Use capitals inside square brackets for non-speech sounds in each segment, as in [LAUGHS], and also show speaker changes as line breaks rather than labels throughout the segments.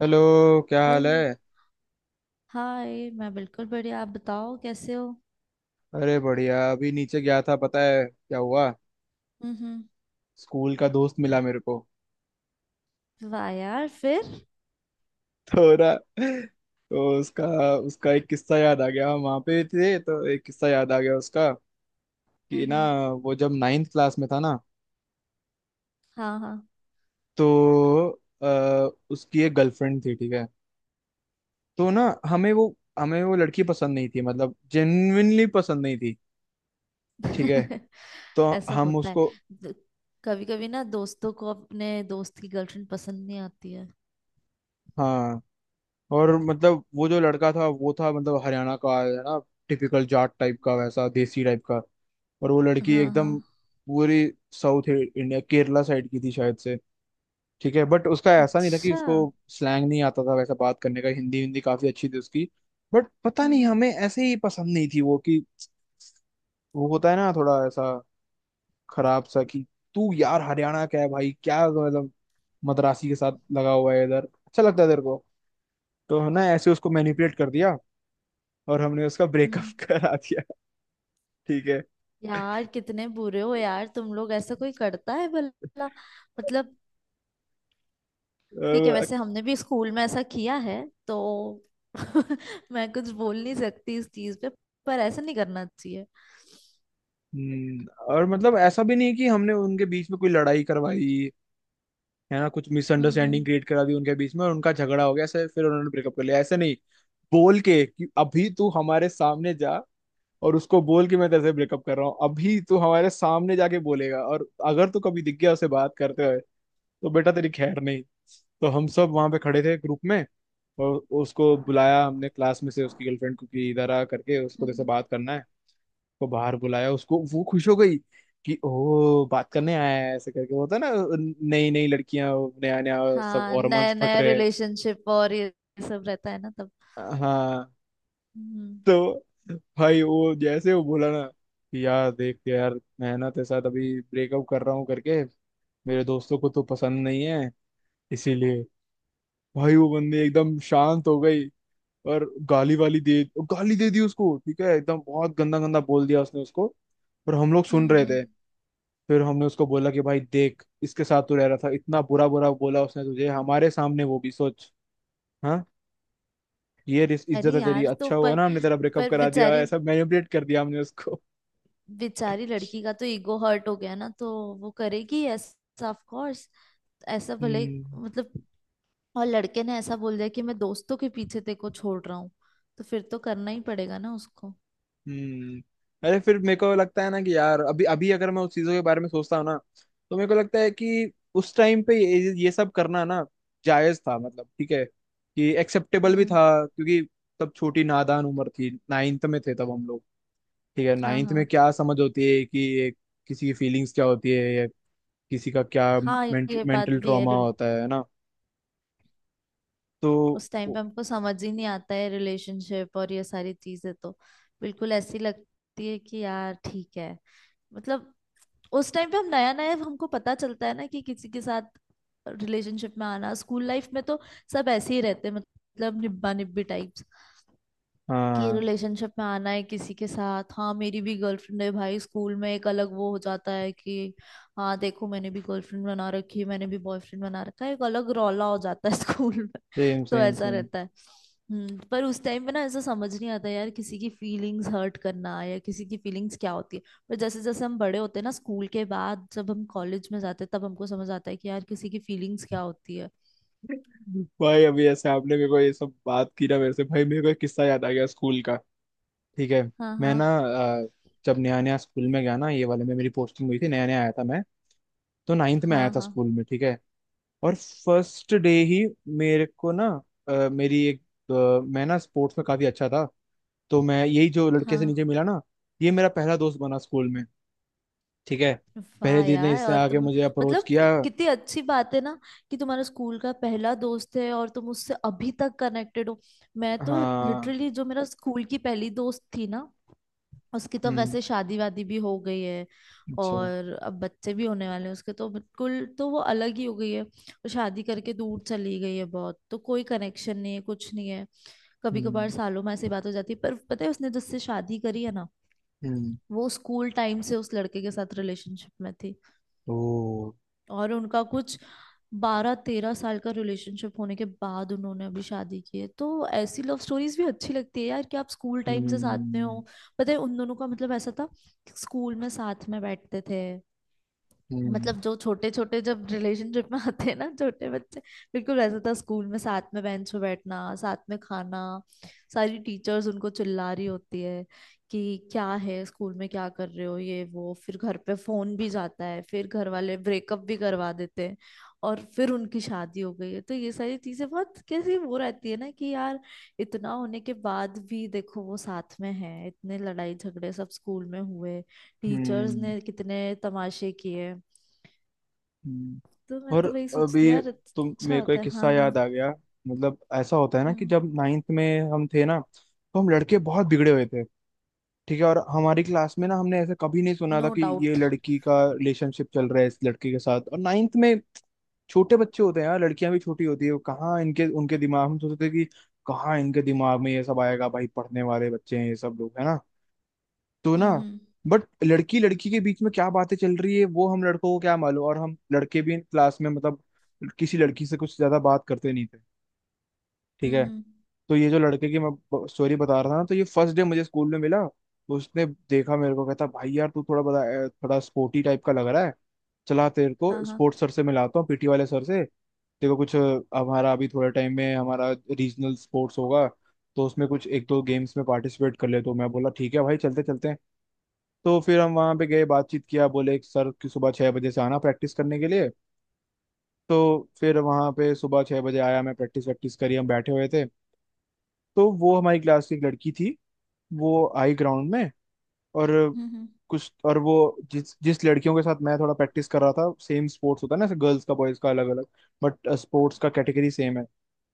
Hello. क्या हाल
hello.
है।
हाय, मैं बिल्कुल बढ़िया। आप बताओ कैसे हो।
अरे बढ़िया, अभी नीचे गया था। पता है क्या हुआ।
हम्म।
स्कूल का दोस्त मिला मेरे को।
वाह यार, फिर?
थोड़ा, तो उसका उसका एक किस्सा याद आ गया, हम वहाँ पे थे तो एक किस्सा याद आ गया उसका, कि ना,
हम्म।
वो जब नाइन्थ क्लास में था ना,
हाँ हाँ।
तो अ, उसकी एक गर्लफ्रेंड थी। ठीक है। तो ना, हमें वो लड़की पसंद नहीं थी, मतलब जेन्युइनली पसंद नहीं थी। ठीक है।
[LAUGHS]
तो
ऐसा
हम
होता है।
उसको।
कभी कभी ना दोस्तों को अपने दोस्त की गर्लफ्रेंड पसंद नहीं आती है।
हाँ। और मतलब वो जो लड़का था, वो था मतलब हरियाणा का है ना, टिपिकल जाट टाइप का, वैसा देसी टाइप का। और वो लड़की
हाँ हाँ।
एकदम पूरी साउथ इंडिया केरला साइड की थी शायद से। ठीक है, बट उसका ऐसा नहीं था कि
अच्छा,
उसको स्लैंग नहीं आता था, वैसा बात करने का, हिंदी हिंदी काफी अच्छी थी उसकी। बट पता नहीं
हम्म
हमें ऐसे ही पसंद नहीं थी वो कि, वो होता है ना थोड़ा ऐसा खराब सा, कि तू यार हरियाणा का है भाई, क्या मतलब मद्रासी के साथ लगा हुआ है इधर, अच्छा लगता है तेरे को। तो है ना, ऐसे उसको मैनिपुलेट कर दिया, और हमने उसका ब्रेकअप
हम्म।
[LAUGHS] करा दिया। ठीक है।
यार कितने बुरे हो यार तुम लोग, ऐसा कोई करता है भला। मतलब, ठीक है,
अ,
वैसे हमने भी स्कूल में ऐसा किया है तो। [LAUGHS] मैं कुछ बोल नहीं सकती इस चीज पे, पर ऐसा नहीं करना चाहिए।
हम्म, और मतलब ऐसा भी नहीं कि हमने उनके बीच में कोई लड़ाई करवाई, है ना, कुछ
हम्म
मिसअंडरस्टैंडिंग
हम्म
क्रिएट करा दी उनके बीच में और उनका झगड़ा हो गया ऐसे, फिर उन्होंने ब्रेकअप कर लिया, ऐसे नहीं, बोल के कि अभी तू हमारे सामने जा, और उसको बोल के मैं तेरे से ब्रेकअप कर रहा हूँ, अभी तू हमारे सामने जाके बोलेगा, और अगर तू कभी दिख गया उसे बात करते हुए तो बेटा तेरी खैर नहीं। तो हम सब वहां पे खड़े थे ग्रुप में, और उसको बुलाया हमने क्लास में से, उसकी गर्लफ्रेंड को, कि इधर आ करके, उसको जैसे
हम्म।
बात करना है। उसको बाहर बुलाया, उसको वो खुश हो गई कि ओ बात करने आया है, ऐसे करके होता है ना, नई नई लड़कियां, नया नया सब,
हाँ, नया
हॉर्मोन्स फट
नया
रहे हैं।
रिलेशनशिप और ये सब रहता है ना तब।
हाँ।
हम्म
तो भाई, वो जैसे वो बोला ना, कि यार देख के यार मैं ना तेरे साथ अभी ब्रेकअप कर रहा हूँ करके, मेरे दोस्तों को तो पसंद नहीं है इसीलिए। भाई वो बंदी एकदम शांत हो गई, और गाली वाली दे गाली दे दी उसको। ठीक है। एकदम बहुत गंदा गंदा बोल दिया उसने उसको, पर हम लोग सुन
हम्म
रहे
हम्म।
थे। फिर हमने उसको बोला कि भाई देख, इसके साथ तू रह रहा था, इतना बुरा बुरा बोला उसने तुझे हमारे सामने, वो भी सोच। हाँ।
अरे
इज्जत है तेरी,
यार, तो
अच्छा हुआ
पर
ना हमने तेरा ब्रेकअप
पर
करा दिया,
बेचारी,
ऐसा मैनिपुलेट कर दिया हमने उसको।
बेचारी लड़की का तो ईगो हर्ट हो गया ना, तो वो करेगी ऐसा ऑफ कोर्स। ऐसा भले,
हम्म
मतलब। और लड़के ने ऐसा बोल दिया कि मैं दोस्तों के पीछे तेरे को छोड़ रहा हूँ, तो फिर तो करना ही पड़ेगा ना उसको।
हम्म। अरे, फिर मेरे को लगता है ना कि यार अभी अभी अगर मैं उस चीजों के बारे में सोचता हूँ ना, तो मेरे को लगता है कि उस टाइम पे ये सब करना ना जायज था, मतलब ठीक है, कि एक्सेप्टेबल भी
हम्म।
था, क्योंकि तब छोटी नादान उम्र थी, नाइन्थ में थे तब हम लोग। ठीक है।
हाँ
नाइन्थ में
हाँ।
क्या समझ होती है कि एक, किसी की फीलिंग्स क्या होती है, या किसी का क्या
हाँ ये बात
मेंटल
भी है।
ट्रॉमा होता है ना। तो
उस टाइम पे हमको समझ ही नहीं आता है रिलेशनशिप और ये सारी चीजें, तो बिल्कुल ऐसी लगती है कि यार ठीक है। मतलब उस टाइम पे हम, नया नया हमको पता चलता है ना कि किसी के साथ रिलेशनशिप में आना, स्कूल लाइफ में तो सब ऐसे ही रहते हैं, मतलब निब्बा निब्बी टाइप। कि
हाँ।
रिलेशनशिप में आना है किसी के साथ। हाँ, मेरी भी गर्लफ्रेंड है भाई स्कूल में, एक अलग वो हो जाता है कि हाँ, देखो मैंने भी गर्लफ्रेंड बना रखी है, मैंने भी बॉयफ्रेंड बना रखा है, एक अलग रौला हो जाता है [LAUGHS] स्कूल में।
सेम
तो
सेम
ऐसा
सेम।
रहता है। हम्म। पर उस टाइम पे ना ऐसा समझ नहीं आता यार, किसी की फीलिंग्स हर्ट करना या किसी की फीलिंग्स क्या होती है। पर जैसे जैसे हम बड़े होते हैं ना, स्कूल के बाद जब हम कॉलेज में जाते हैं, तब हमको समझ आता है कि यार किसी की फीलिंग्स क्या होती है।
भाई, अभी ऐसे आपने मेरे को ये सब बात की ना मेरे से, भाई मेरे को एक किस्सा याद आ गया स्कूल का। ठीक है।
हाँ हाँ
मैं ना जब नया नया स्कूल में गया ना, ये वाले में मेरी पोस्टिंग हुई थी, नया नया आया था मैं। तो नाइन्थ में आया
हाँ
था
हाँ
स्कूल में। ठीक है। और फर्स्ट डे ही मेरे को ना, अ, मेरी एक अ, मैं ना स्पोर्ट्स में काफी अच्छा था। तो मैं यही जो लड़के से
हाँ
नीचे मिला ना, ये मेरा पहला दोस्त बना स्कूल में। ठीक है। पहले
वाह
दिन ने
यार,
इसने
और
आके
तुम,
मुझे अप्रोच
मतलब
किया।
कितनी अच्छी बात है ना कि तुम्हारा स्कूल का पहला दोस्त है और तुम उससे अभी तक कनेक्टेड हो। मैं तो
हाँ।
लिटरली, जो मेरा स्कूल की पहली दोस्त थी ना, उसकी तो
हम्म।
वैसे शादी वादी भी हो गई है।
अच्छा।
और अब बच्चे भी होने वाले हैं उसके, तो बिल्कुल तो वो अलग ही हो गई है, वो शादी करके दूर चली गई है बहुत, तो कोई कनेक्शन नहीं है, कुछ नहीं है। कभी
हम्म
कभार सालों में ऐसी बात हो जाती है। पर पता है, उसने जिससे शादी करी है ना,
हम्म।
वो स्कूल टाइम से उस लड़के के साथ रिलेशनशिप में थी।
ओ।
और उनका कुछ बारह तेरह साल का रिलेशनशिप होने के बाद उन्होंने अभी शादी की है। तो ऐसी लव स्टोरीज भी अच्छी लगती है यार, कि आप स्कूल टाइम से साथ में
हम्म
हो। पता है उन दोनों का मतलब ऐसा था कि स्कूल में साथ में बैठते थे,
हम्म।
मतलब जो छोटे छोटे जब रिलेशनशिप में आते हैं ना छोटे बच्चे, बिल्कुल वैसा था। स्कूल में साथ में बेंच पे बैठना, साथ में खाना, सारी टीचर्स उनको चिल्ला रही होती है कि क्या है स्कूल में क्या कर रहे हो ये वो, फिर घर पे फोन भी जाता है, फिर घर वाले ब्रेकअप भी करवा देते हैं। और फिर उनकी शादी हो गई है, तो ये सारी चीजें बहुत कैसी वो रहती है ना कि यार, इतना होने के बाद भी देखो वो साथ में है। इतने लड़ाई झगड़े सब स्कूल में हुए, टीचर्स
हम्म,
ने कितने तमाशे किए।
हम्म।
तो मैं
और
तो वही सोचती हूँ
अभी
यार,
तुम,
अच्छा
मेरे को
होता
एक
है।
किस्सा
हाँ हाँ।
याद आ गया, मतलब ऐसा होता है ना कि
हम्म।
जब नाइन्थ में हम थे ना, तो हम लड़के बहुत बिगड़े हुए थे। ठीक है। और हमारी क्लास में ना हमने ऐसा कभी नहीं सुना था
नो
कि ये
डाउट।
लड़की का रिलेशनशिप चल रहा है इस लड़के के साथ, और नाइन्थ में छोटे बच्चे होते हैं यार, लड़कियां भी छोटी होती है, वो कहाँ इनके उनके दिमाग, हम सोचते थे कि कहाँ इनके दिमाग में ये सब आएगा भाई, पढ़ने वाले बच्चे हैं ये सब लोग है ना। तो ना,
हम्म हम्म
बट लड़की लड़की के बीच में क्या बातें चल रही है वो हम लड़कों को क्या मालूम, और हम लड़के भी क्लास में मतलब किसी लड़की से कुछ ज्यादा बात करते नहीं थे। ठीक
हम्म
है।
हम्म,
तो ये जो लड़के की मैं स्टोरी बता रहा था ना, तो ये फर्स्ट डे मुझे स्कूल में मिला, तो उसने देखा मेरे को, कहता भाई यार तू थोड़ा बड़ा थोड़ा स्पोर्टी टाइप का लग रहा है, चला तेरे को
हाँ हाँ।
स्पोर्ट्स सर से मिलाता हूँ, पीटी वाले सर से। देखो कुछ हमारा अभी थोड़ा टाइम में हमारा रीजनल स्पोर्ट्स होगा, तो उसमें कुछ एक दो गेम्स में पार्टिसिपेट कर ले। तो मैं बोला ठीक है भाई, चलते चलते। तो फिर हम वहाँ पे गए, बातचीत किया, बोले कि सर कि सुबह 6 बजे से आना प्रैक्टिस करने के लिए। तो फिर वहाँ पे सुबह 6 बजे आया मैं, प्रैक्टिस वैक्टिस करी, हम बैठे हुए थे। तो वो हमारी क्लास की एक लड़की थी, वो आई ग्राउंड में। और
हम्म।
कुछ, और वो जिस जिस लड़कियों के साथ मैं थोड़ा प्रैक्टिस कर रहा था, सेम स्पोर्ट्स होता है ना, गर्ल्स का बॉयज का अलग अलग, बट स्पोर्ट्स का कैटेगरी सेम है।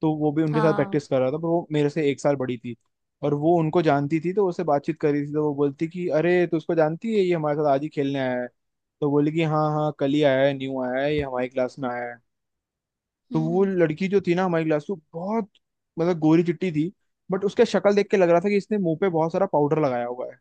तो वो भी उनके साथ
हाँ।
प्रैक्टिस कर रहा था, पर वो मेरे से 1 साल बड़ी थी। और वो उनको जानती थी, तो उससे बातचीत करी थी, तो वो बोलती कि अरे तू उसको जानती है, ये हमारे साथ आज ही खेलने आया है। तो बोली कि हाँ हाँ, कल ही आया है, न्यू आया है, ये हमारी क्लास में आया है। तो
हम्म
वो
हम्म
लड़की जो थी ना हमारी क्लास में, बहुत मतलब गोरी चिट्टी थी, बट उसके शक्ल देख के लग रहा था कि इसने मुंह पे बहुत सारा पाउडर लगाया हुआ है।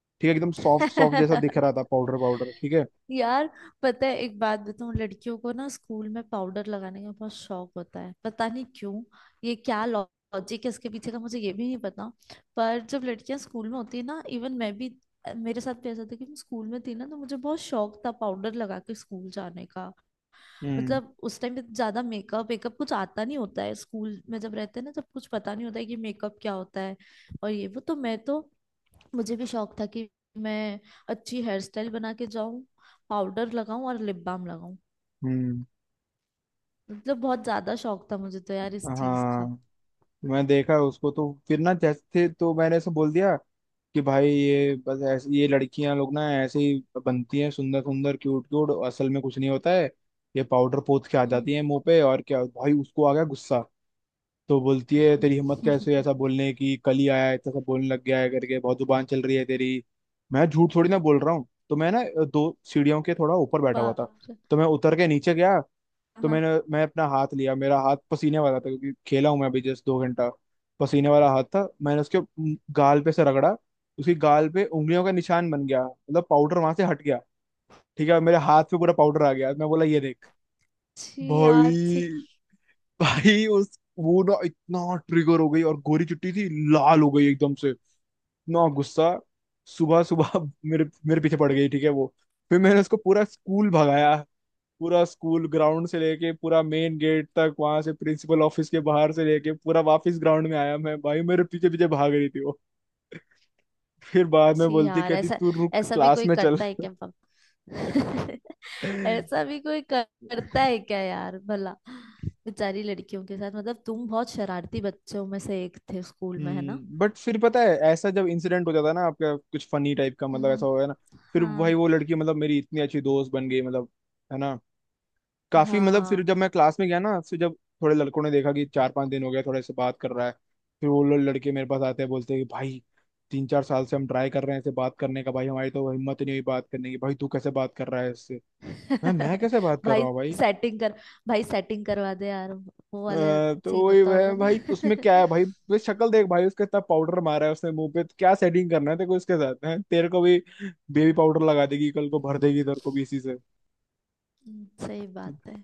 ठीक है, एकदम सॉफ्ट सॉफ्ट जैसा दिख रहा था,
[LAUGHS]
पाउडर पाउडर। ठीक है।
यार पता है, एक बात बताऊँ? लड़कियों को ना स्कूल में पाउडर लगाने का बहुत शौक होता है, पता नहीं क्यों। ये क्या लॉजिक है इसके पीछे का, मुझे ये भी नहीं पता। पर जब लड़कियां स्कूल में होती है ना, इवन मैं भी, मेरे साथ भी ऐसा था कि मैं स्कूल में थी ना, तो मुझे बहुत शौक था पाउडर लगा के स्कूल जाने का।
हम्म
मतलब उस टाइम पे ज्यादा मेकअप वेकअप कुछ आता नहीं होता है, स्कूल में जब रहते हैं ना तब कुछ पता नहीं होता है कि मेकअप क्या होता है। और ये वो, तो मैं तो, मुझे भी शौक था कि मैं अच्छी हेयर स्टाइल बना के जाऊं, पाउडर लगाऊं और लिप बाम लगाऊं।
हम्म।
मतलब बहुत ज्यादा शौक था मुझे तो यार इस चीज
हाँ।
का।
मैं देखा उसको, तो फिर ना जैसे तो मैंने ऐसे बोल दिया कि भाई, ये बस ऐसे ये लड़कियां लोग ना ऐसे ही बनती हैं सुंदर सुंदर क्यूट क्यूट, असल में कुछ नहीं होता है, ये पाउडर पोत के आ
हम्म।
जाती है मुंह पे और क्या। भाई उसको आ गया गुस्सा। तो बोलती है, तेरी हिम्मत कैसे है ऐसा
[LAUGHS]
बोलने की, कल ही आया है, इतना सब बोलने लग गया है करके, बहुत जुबान चल रही है तेरी। मैं झूठ थोड़ी ना बोल रहा हूँ। तो मैं ना दो सीढ़ियों के थोड़ा ऊपर बैठा हुआ था,
बाप रे।
तो मैं उतर के नीचे गया। तो
हाँ।
मैंने मैं अपना हाथ लिया, मेरा हाथ पसीने वाला था, क्योंकि खेला हूं मैं अभी जस्ट 2 घंटा, पसीने वाला हाथ था। मैंने उसके गाल पे से रगड़ा, उसकी गाल पे उंगलियों का निशान बन गया, मतलब पाउडर वहां से हट गया। ठीक है। मेरे हाथ पे पूरा पाउडर आ गया, मैं बोला ये देख।
छी यार, छी।
भाई, भाई उस वो ना इतना ट्रिगर हो गई, और गोरी चुट्टी थी, लाल हो गई एकदम से, इतना गुस्सा, सुबह सुबह [LAUGHS] मेरे मेरे पीछे पड़ गई। ठीक है वो। फिर मैंने उसको पूरा स्कूल भगाया, पूरा स्कूल ग्राउंड से लेके पूरा मेन गेट तक, वहां से प्रिंसिपल ऑफिस के बाहर से लेके पूरा वापस ग्राउंड में आया मैं भाई, मेरे पीछे पीछे भाग रही थी वो। फिर बाद में
छी
बोलती,
यार,
कहती
ऐसा,
तू रुक,
ऐसा भी
क्लास
कोई
में चल।
करता है क्या? पप [LAUGHS] ऐसा भी
[LAUGHS]
कोई करता है क्या यार भला। बेचारी लड़कियों के साथ, मतलब तुम बहुत शरारती बच्चों में से एक थे स्कूल में, है ना।
हम्म। बट फिर पता है, ऐसा जब इंसिडेंट हो जाता है ना आपका कुछ फनी टाइप का, मतलब ऐसा
हम्म।
हो गया ना, फिर
हाँ
भाई वो लड़की मतलब मेरी इतनी अच्छी दोस्त बन गई, मतलब, है ना, काफी। मतलब फिर
हाँ।
जब मैं क्लास में गया ना, फिर जब थोड़े लड़कों ने देखा कि 4-5 दिन हो गया, थोड़े से बात कर रहा है, फिर वो लोग लड़के मेरे पास आते हैं, बोलते हैं कि भाई 3-4 साल से हम ट्राई कर रहे हैं इससे बात करने का भाई, हमारी तो हिम्मत ही नहीं हुई बात करने की, भाई तू कैसे बात कर रहा है इससे। मैं
[LAUGHS]
कैसे बात कर रहा
भाई
हूँ भाई।
सेटिंग कर, भाई सेटिंग करवा दे यार वो
अ,
वाले
तो
सीन
वही
होता होगा
वह
ना। [LAUGHS]
भाई, उसमें क्या है भाई, वे शक्ल देख भाई उसका, इतना पाउडर मारा है उसने मुंह पे, तो क्या सेटिंग करना है तेरे को इसके साथ, हैं तेरे को भी बेबी पाउडर लगा देगी कल को, भर देगी तेरे को भी इसी से।
सही बात है।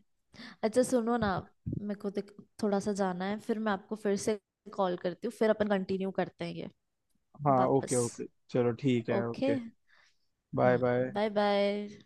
अच्छा सुनो ना, मेरे को थोड़ा सा जाना है, फिर मैं आपको फिर से कॉल करती हूँ, फिर अपन कंटिन्यू करते हैं ये,
हाँ ओके
वापस।
ओके। चलो ठीक है
okay.
Okay. Bye bye.
Bye bye.